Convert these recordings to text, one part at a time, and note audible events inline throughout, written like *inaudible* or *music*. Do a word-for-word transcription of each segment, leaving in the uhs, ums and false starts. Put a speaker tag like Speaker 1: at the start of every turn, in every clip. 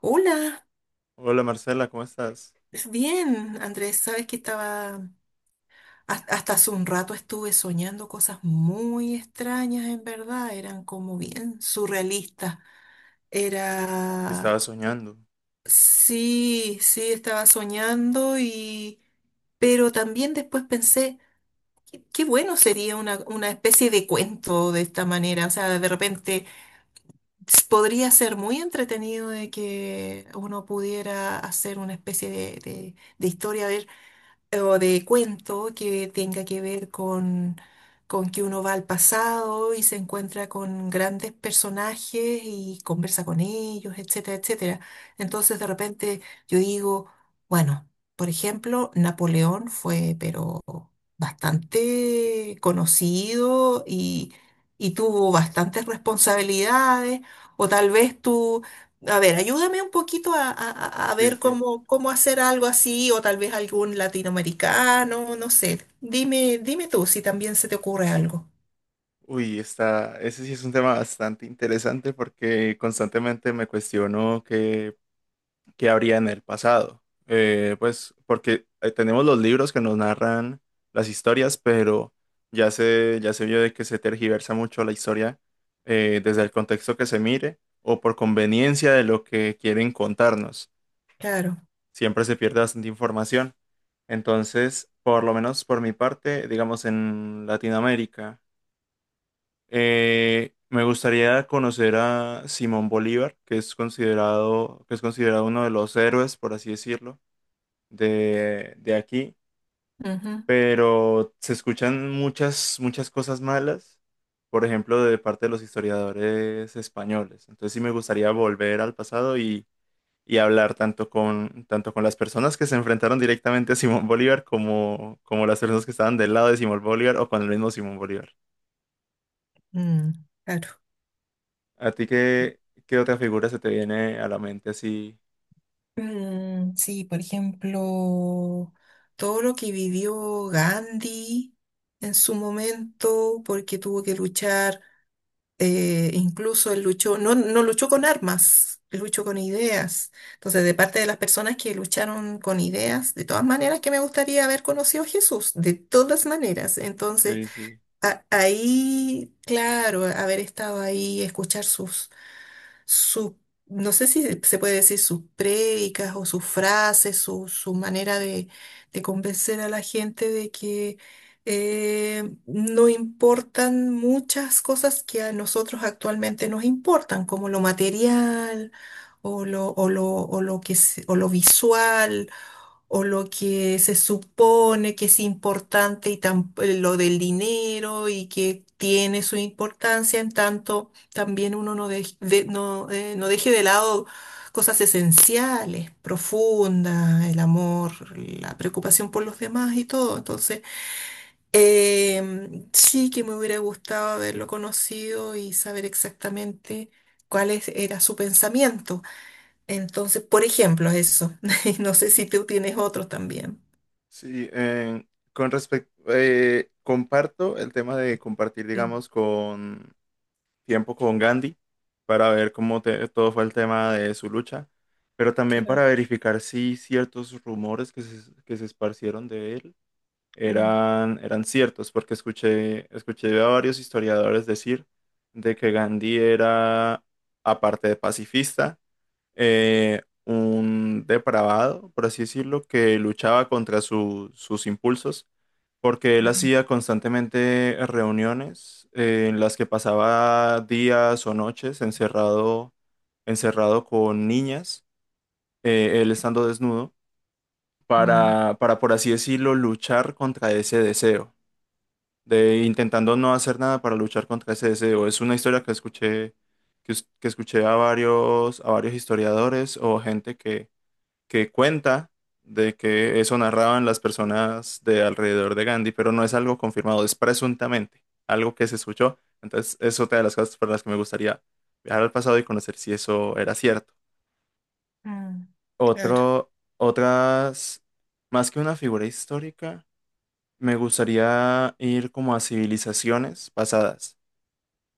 Speaker 1: Hola,
Speaker 2: Hola Marcela, ¿cómo estás?
Speaker 1: bien, Andrés, sabes que estaba, has- hasta hace un rato estuve soñando cosas muy extrañas, en verdad, eran como bien surrealistas. Era,
Speaker 2: Estaba soñando.
Speaker 1: sí, sí, estaba soñando y, pero también después pensé, qué, qué bueno sería una, una especie de cuento de esta manera, o sea, de repente s- podría ser muy entretenido de que uno pudiera hacer una especie de de- de historia o de cuento que tenga que ver con, con que uno va al pasado y se encuentra con grandes personajes y conversa con ellos, etcétera, etcétera. Entonces de repente yo digo, bueno, por ejemplo, Napoleón fue pero bastante conocido y, y tuvo bastantes responsabilidades, o tal vez tú... A ver, ayúdame un poquito a, a- a-
Speaker 2: Sí,
Speaker 1: ver
Speaker 2: sí.
Speaker 1: cómo, cómo hacer algo así, o tal vez algún latinoamericano, no sé. Dime, dime tú si también se te ocurre algo.
Speaker 2: Uy, está, ese sí es un tema bastante interesante porque constantemente me cuestiono qué, qué habría en el pasado. Eh, pues porque eh, tenemos los libros que nos narran las historias, pero ya se, ya se vio de que se tergiversa mucho la historia, eh, desde el contexto que se mire o por conveniencia de lo que quieren contarnos.
Speaker 1: Claro.
Speaker 2: Siempre se pierde bastante información. Entonces, por lo menos por mi parte, digamos en Latinoamérica, eh, me gustaría conocer a Simón Bolívar, que es considerado, que es considerado uno de los héroes, por así decirlo, de, de aquí,
Speaker 1: Ujú.
Speaker 2: pero se escuchan muchas, muchas cosas malas, por ejemplo, de parte de los historiadores españoles. Entonces sí me gustaría volver al pasado y y hablar tanto con, tanto con las personas que se enfrentaron directamente a Simón Bolívar, como, como las personas que estaban del lado de Simón Bolívar o con el mismo Simón Bolívar.
Speaker 1: Mm, claro.
Speaker 2: ¿A ti qué, qué otra figura se te viene a la mente así,
Speaker 1: Mm, sí, por ejemplo, todo lo que vivió Gandhi en su momento, porque tuvo que luchar. Eh, incluso él luchó, no, no luchó con armas, él luchó con ideas. Entonces, de parte de las personas que lucharon con ideas, de todas maneras que me gustaría haber conocido a Jesús, de todas maneras. Entonces,
Speaker 2: Lacey?
Speaker 1: a- ahí, claro, haber estado ahí, escuchar sus su, no sé si se puede decir sus prédicas o sus frases, su, su manera de, de convencer a la gente de que eh, no importan muchas cosas que a nosotros actualmente nos importan, como lo material o lo, o lo, o lo que, se- o lo visual o lo que se supone que es importante y tam- lo del dinero y que tiene su importancia, en tanto también uno no, dej- de- no, eh, no deje de lado cosas esenciales, profundas, el amor, la preocupación por los demás y todo. Entonces, em, sí que me hubiera gustado haberlo conocido y saber exactamente cuál es- era su pensamiento. Entonces, por ejemplo, eso. *laughs* No sé si tú tienes otros también.
Speaker 2: Sí, eh, con respecto, comparto el tema de compartir,
Speaker 1: Mm,
Speaker 2: digamos, con tiempo con Gandhi para ver cómo te- todo fue el tema de su lucha, pero también
Speaker 1: claro.
Speaker 2: para verificar si ciertos rumores que se, que se esparcieron de él
Speaker 1: mm,
Speaker 2: eran, eran ciertos, porque escuché, escuché a varios historiadores decir de que Gandhi era, aparte de pacifista, eh, un depravado, por así decirlo, que luchaba contra su- sus impulsos, porque él hacía constantemente reuniones eh, en las que pasaba días o noches encerrado, encerrado con niñas, eh, él estando desnudo
Speaker 1: Mm,
Speaker 2: para, para, por así decirlo, luchar contra ese deseo, de intentando no hacer nada para luchar contra ese deseo. Es una historia que escuché, que, es- que escuché a varios, a varios historiadores o gente que, que cuenta de que eso narraban las personas de alrededor de Gandhi, pero no es algo confirmado, es presuntamente algo que se escuchó. Entonces, es otra de las cosas por las que me gustaría viajar al pasado y conocer si eso era cierto.
Speaker 1: mm, claro.
Speaker 2: Otro, otras, más que una figura histórica, me gustaría ir como a civilizaciones pasadas,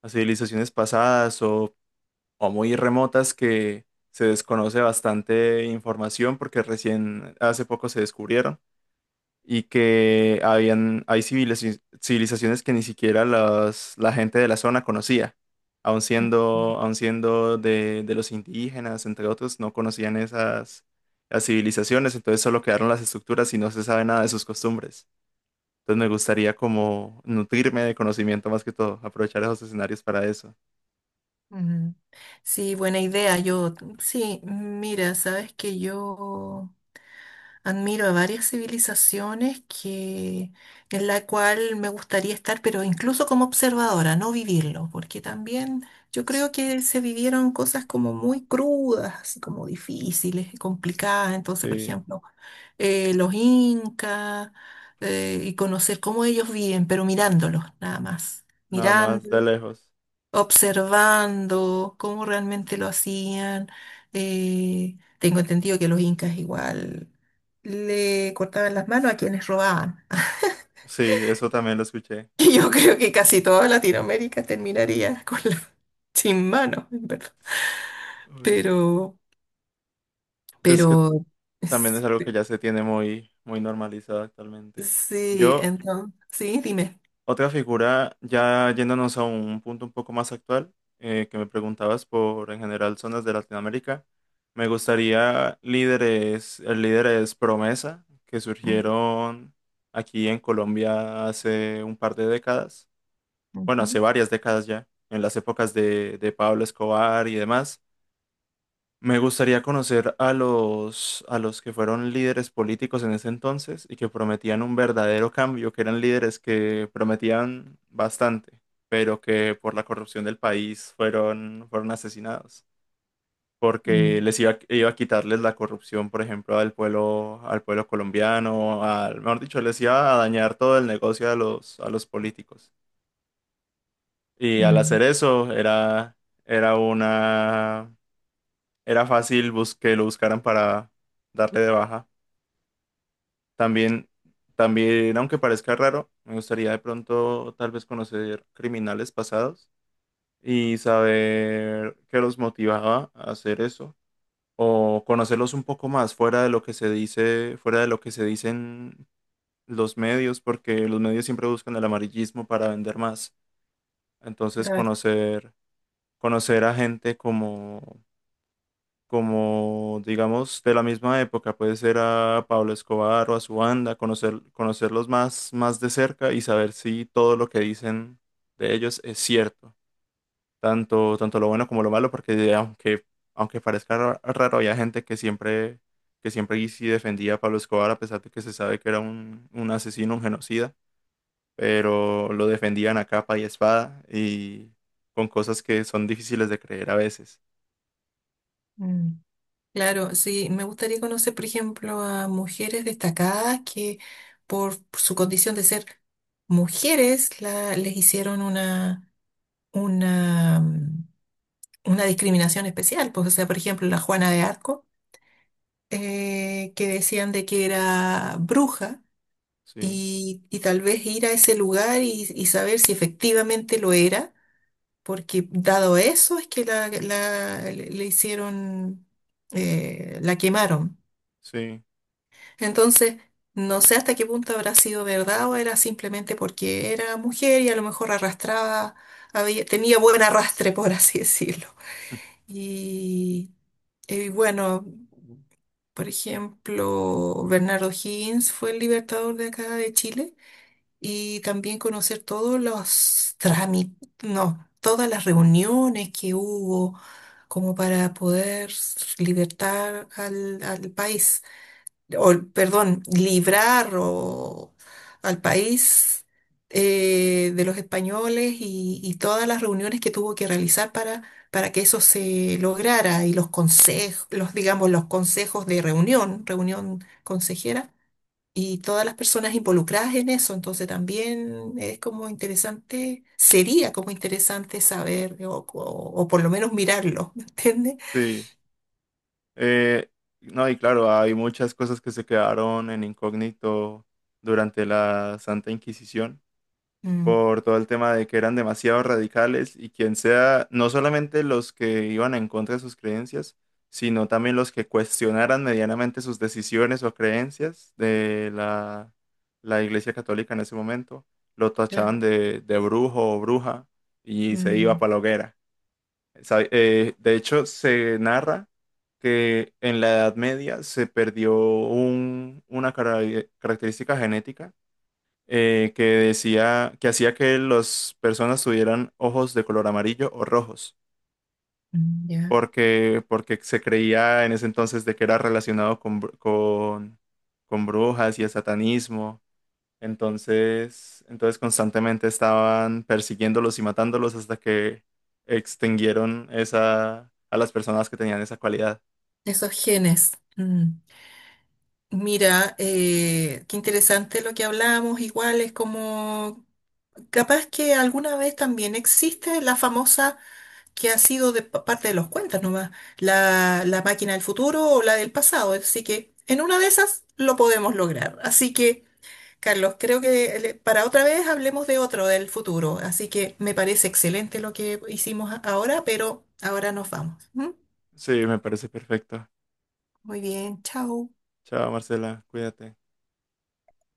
Speaker 2: a civilizaciones pasadas o, o muy remotas, que se desconoce bastante información porque recién hace poco se descubrieron, y que habían, hay civilizaci- civilizaciones que ni siquiera las- la gente de la zona conocía, aun
Speaker 1: mm,
Speaker 2: siendo, aun siendo de, de los indígenas, entre otros, no conocían esas, las civilizaciones. Entonces solo quedaron las estructuras y no se sabe nada de sus costumbres. Entonces me gustaría como nutrirme de conocimiento más que todo, aprovechar esos escenarios para eso.
Speaker 1: mm. Sí, buena idea. Yo, sí, mira, sabes que yo admiro a varias civilizaciones que, en la cual me gustaría estar, pero incluso como observadora, no vivirlo, porque también yo creo que se vivieron cosas como muy crudas, así como difíciles y complicadas. Entonces, por
Speaker 2: Sí,
Speaker 1: ejemplo, eh, los incas eh, y conocer cómo ellos viven, pero mirándolos nada más,
Speaker 2: nada más de
Speaker 1: mirándolos,
Speaker 2: lejos.
Speaker 1: observando cómo realmente lo hacían. Eh, tengo entendido que los incas igual le cortaban las manos a quienes robaban. *laughs*
Speaker 2: Sí, eso también lo escuché.
Speaker 1: Y yo creo que casi toda Latinoamérica terminaría con la- sin manos, en verdad.
Speaker 2: Uy,
Speaker 1: Pero,
Speaker 2: es que
Speaker 1: pero,
Speaker 2: también es
Speaker 1: es-
Speaker 2: algo que ya se tiene muy, muy normalizado actualmente.
Speaker 1: sí,
Speaker 2: Yo,
Speaker 1: entonces, sí, dime.
Speaker 2: otra figura, ya yéndonos a un punto un poco más actual, eh, que me preguntabas por en general zonas de Latinoamérica, me gustaría líderes, el líder es Promesa, que
Speaker 1: Ujú,
Speaker 2: surgieron aquí en Colombia hace un par de décadas. Bueno, hace
Speaker 1: ujú,
Speaker 2: varias décadas ya, en las épocas de, de Pablo Escobar y demás. Me gustaría conocer a los, a los que fueron líderes políticos en ese entonces y que prometían un verdadero cambio, que eran líderes que prometían bastante, pero que por la corrupción del país fueron, fueron asesinados, porque
Speaker 1: mm,
Speaker 2: les iba, iba a quitarles la corrupción, por ejemplo, al pueblo, al pueblo colombiano, al, mejor dicho, les iba a dañar todo el negocio a los, a los políticos. Y al hacer
Speaker 1: mm.
Speaker 2: eso era, era una, era fácil bus- que lo buscaran para darle de baja. También, también, aunque parezca raro, me gustaría de pronto tal vez conocer criminales pasados y saber qué los motivaba a hacer eso, o conocerlos un poco más fuera de lo que se dice, fuera de lo que se dicen los medios, porque los medios siempre buscan el amarillismo para vender más. Entonces,
Speaker 1: Claro,
Speaker 2: conocer conocer a gente como, como digamos de la misma época, puede ser a Pablo Escobar o a su banda, conocer, conocerlos más, más de cerca y saber si todo lo que dicen de ellos es cierto, tanto, tanto lo bueno como lo malo, porque aunque, aunque parezca ra- raro, había gente que siempre, que siempre y sí defendía a Pablo Escobar, a pesar de que se sabe que era un, un asesino, un genocida, pero lo defendían a capa y espada y con cosas que son difíciles de creer a veces.
Speaker 1: mm, claro, sí, me gustaría conocer, por ejemplo, a mujeres destacadas que por su condición de ser mujeres la- les hicieron una, una, mm, una discriminación especial. Pues, o sea, por ejemplo, la Juana de Arco, eh, que decían de que era bruja
Speaker 2: Sí,
Speaker 1: y, y tal vez ir a ese lugar y, y saber si efectivamente lo era, porque dado eso es que la, la- le le hicieron, eh, la quemaron.
Speaker 2: sí,
Speaker 1: Entonces, no sé hasta qué punto habrá sido verdad o era simplemente porque era mujer y a lo mejor arrastraba, había- tenía buen arrastre, por así *laughs* decirlo. Y, y bueno, por ejemplo, Bernardo Higgins fue el libertador de acá de Chile y también conocer todos los trámites, no, todas las reuniones que hubo como para poder libertar al al país o, perdón, librar o al país eh, de los españoles y, y todas las reuniones que tuvo que realizar para, para que eso se lograra y los consejos, los, digamos, los consejos de reunión, reunión consejera y todas las personas involucradas en eso. Entonces también es como interesante, sería como interesante saber o, o- o por lo menos mirarlo, *laughs* ¿me entiendes?
Speaker 2: sí. Eh, no, y claro, hay muchas cosas que se quedaron en incógnito durante la Santa Inquisición
Speaker 1: Mm,
Speaker 2: por todo el tema de que eran demasiado radicales y quien sea, no solamente los que iban en contra de sus creencias, sino también los que cuestionaran medianamente sus decisiones o creencias de la, la Iglesia Católica en ese momento, lo
Speaker 1: claro.
Speaker 2: tachaban de, de brujo o bruja y se iba
Speaker 1: Mm,
Speaker 2: para la hoguera. Sa- eh, de hecho, se narra que en la Edad Media se perdió un- una cara- característica genética, eh, que decía que hacía que las personas tuvieran ojos de color amarillo o rojos,
Speaker 1: mm, ya.
Speaker 2: porque, porque se creía en ese entonces de que era relacionado con, br- con, con brujas y el satanismo. Entonces, entonces constantemente estaban persiguiéndolos y matándolos hasta que extinguieron esa, a las personas que tenían esa cualidad.
Speaker 1: Esos genes. Mm. Mira, eh, qué interesante lo que hablamos, igual es como, capaz que alguna vez también existe la famosa que ha sido de pa- parte de los cuentas nomás, la, la máquina del futuro o la del pasado, así que en una de esas lo podemos lograr. Así que, Carlos, creo que le- para otra vez hablemos de otro, del futuro, así que me parece excelente lo que hicimos a- ahora, pero ahora nos vamos. ¿M?
Speaker 2: Sí, me parece perfecto.
Speaker 1: Muy bien, chao.
Speaker 2: Chao, Marcela, cuídate.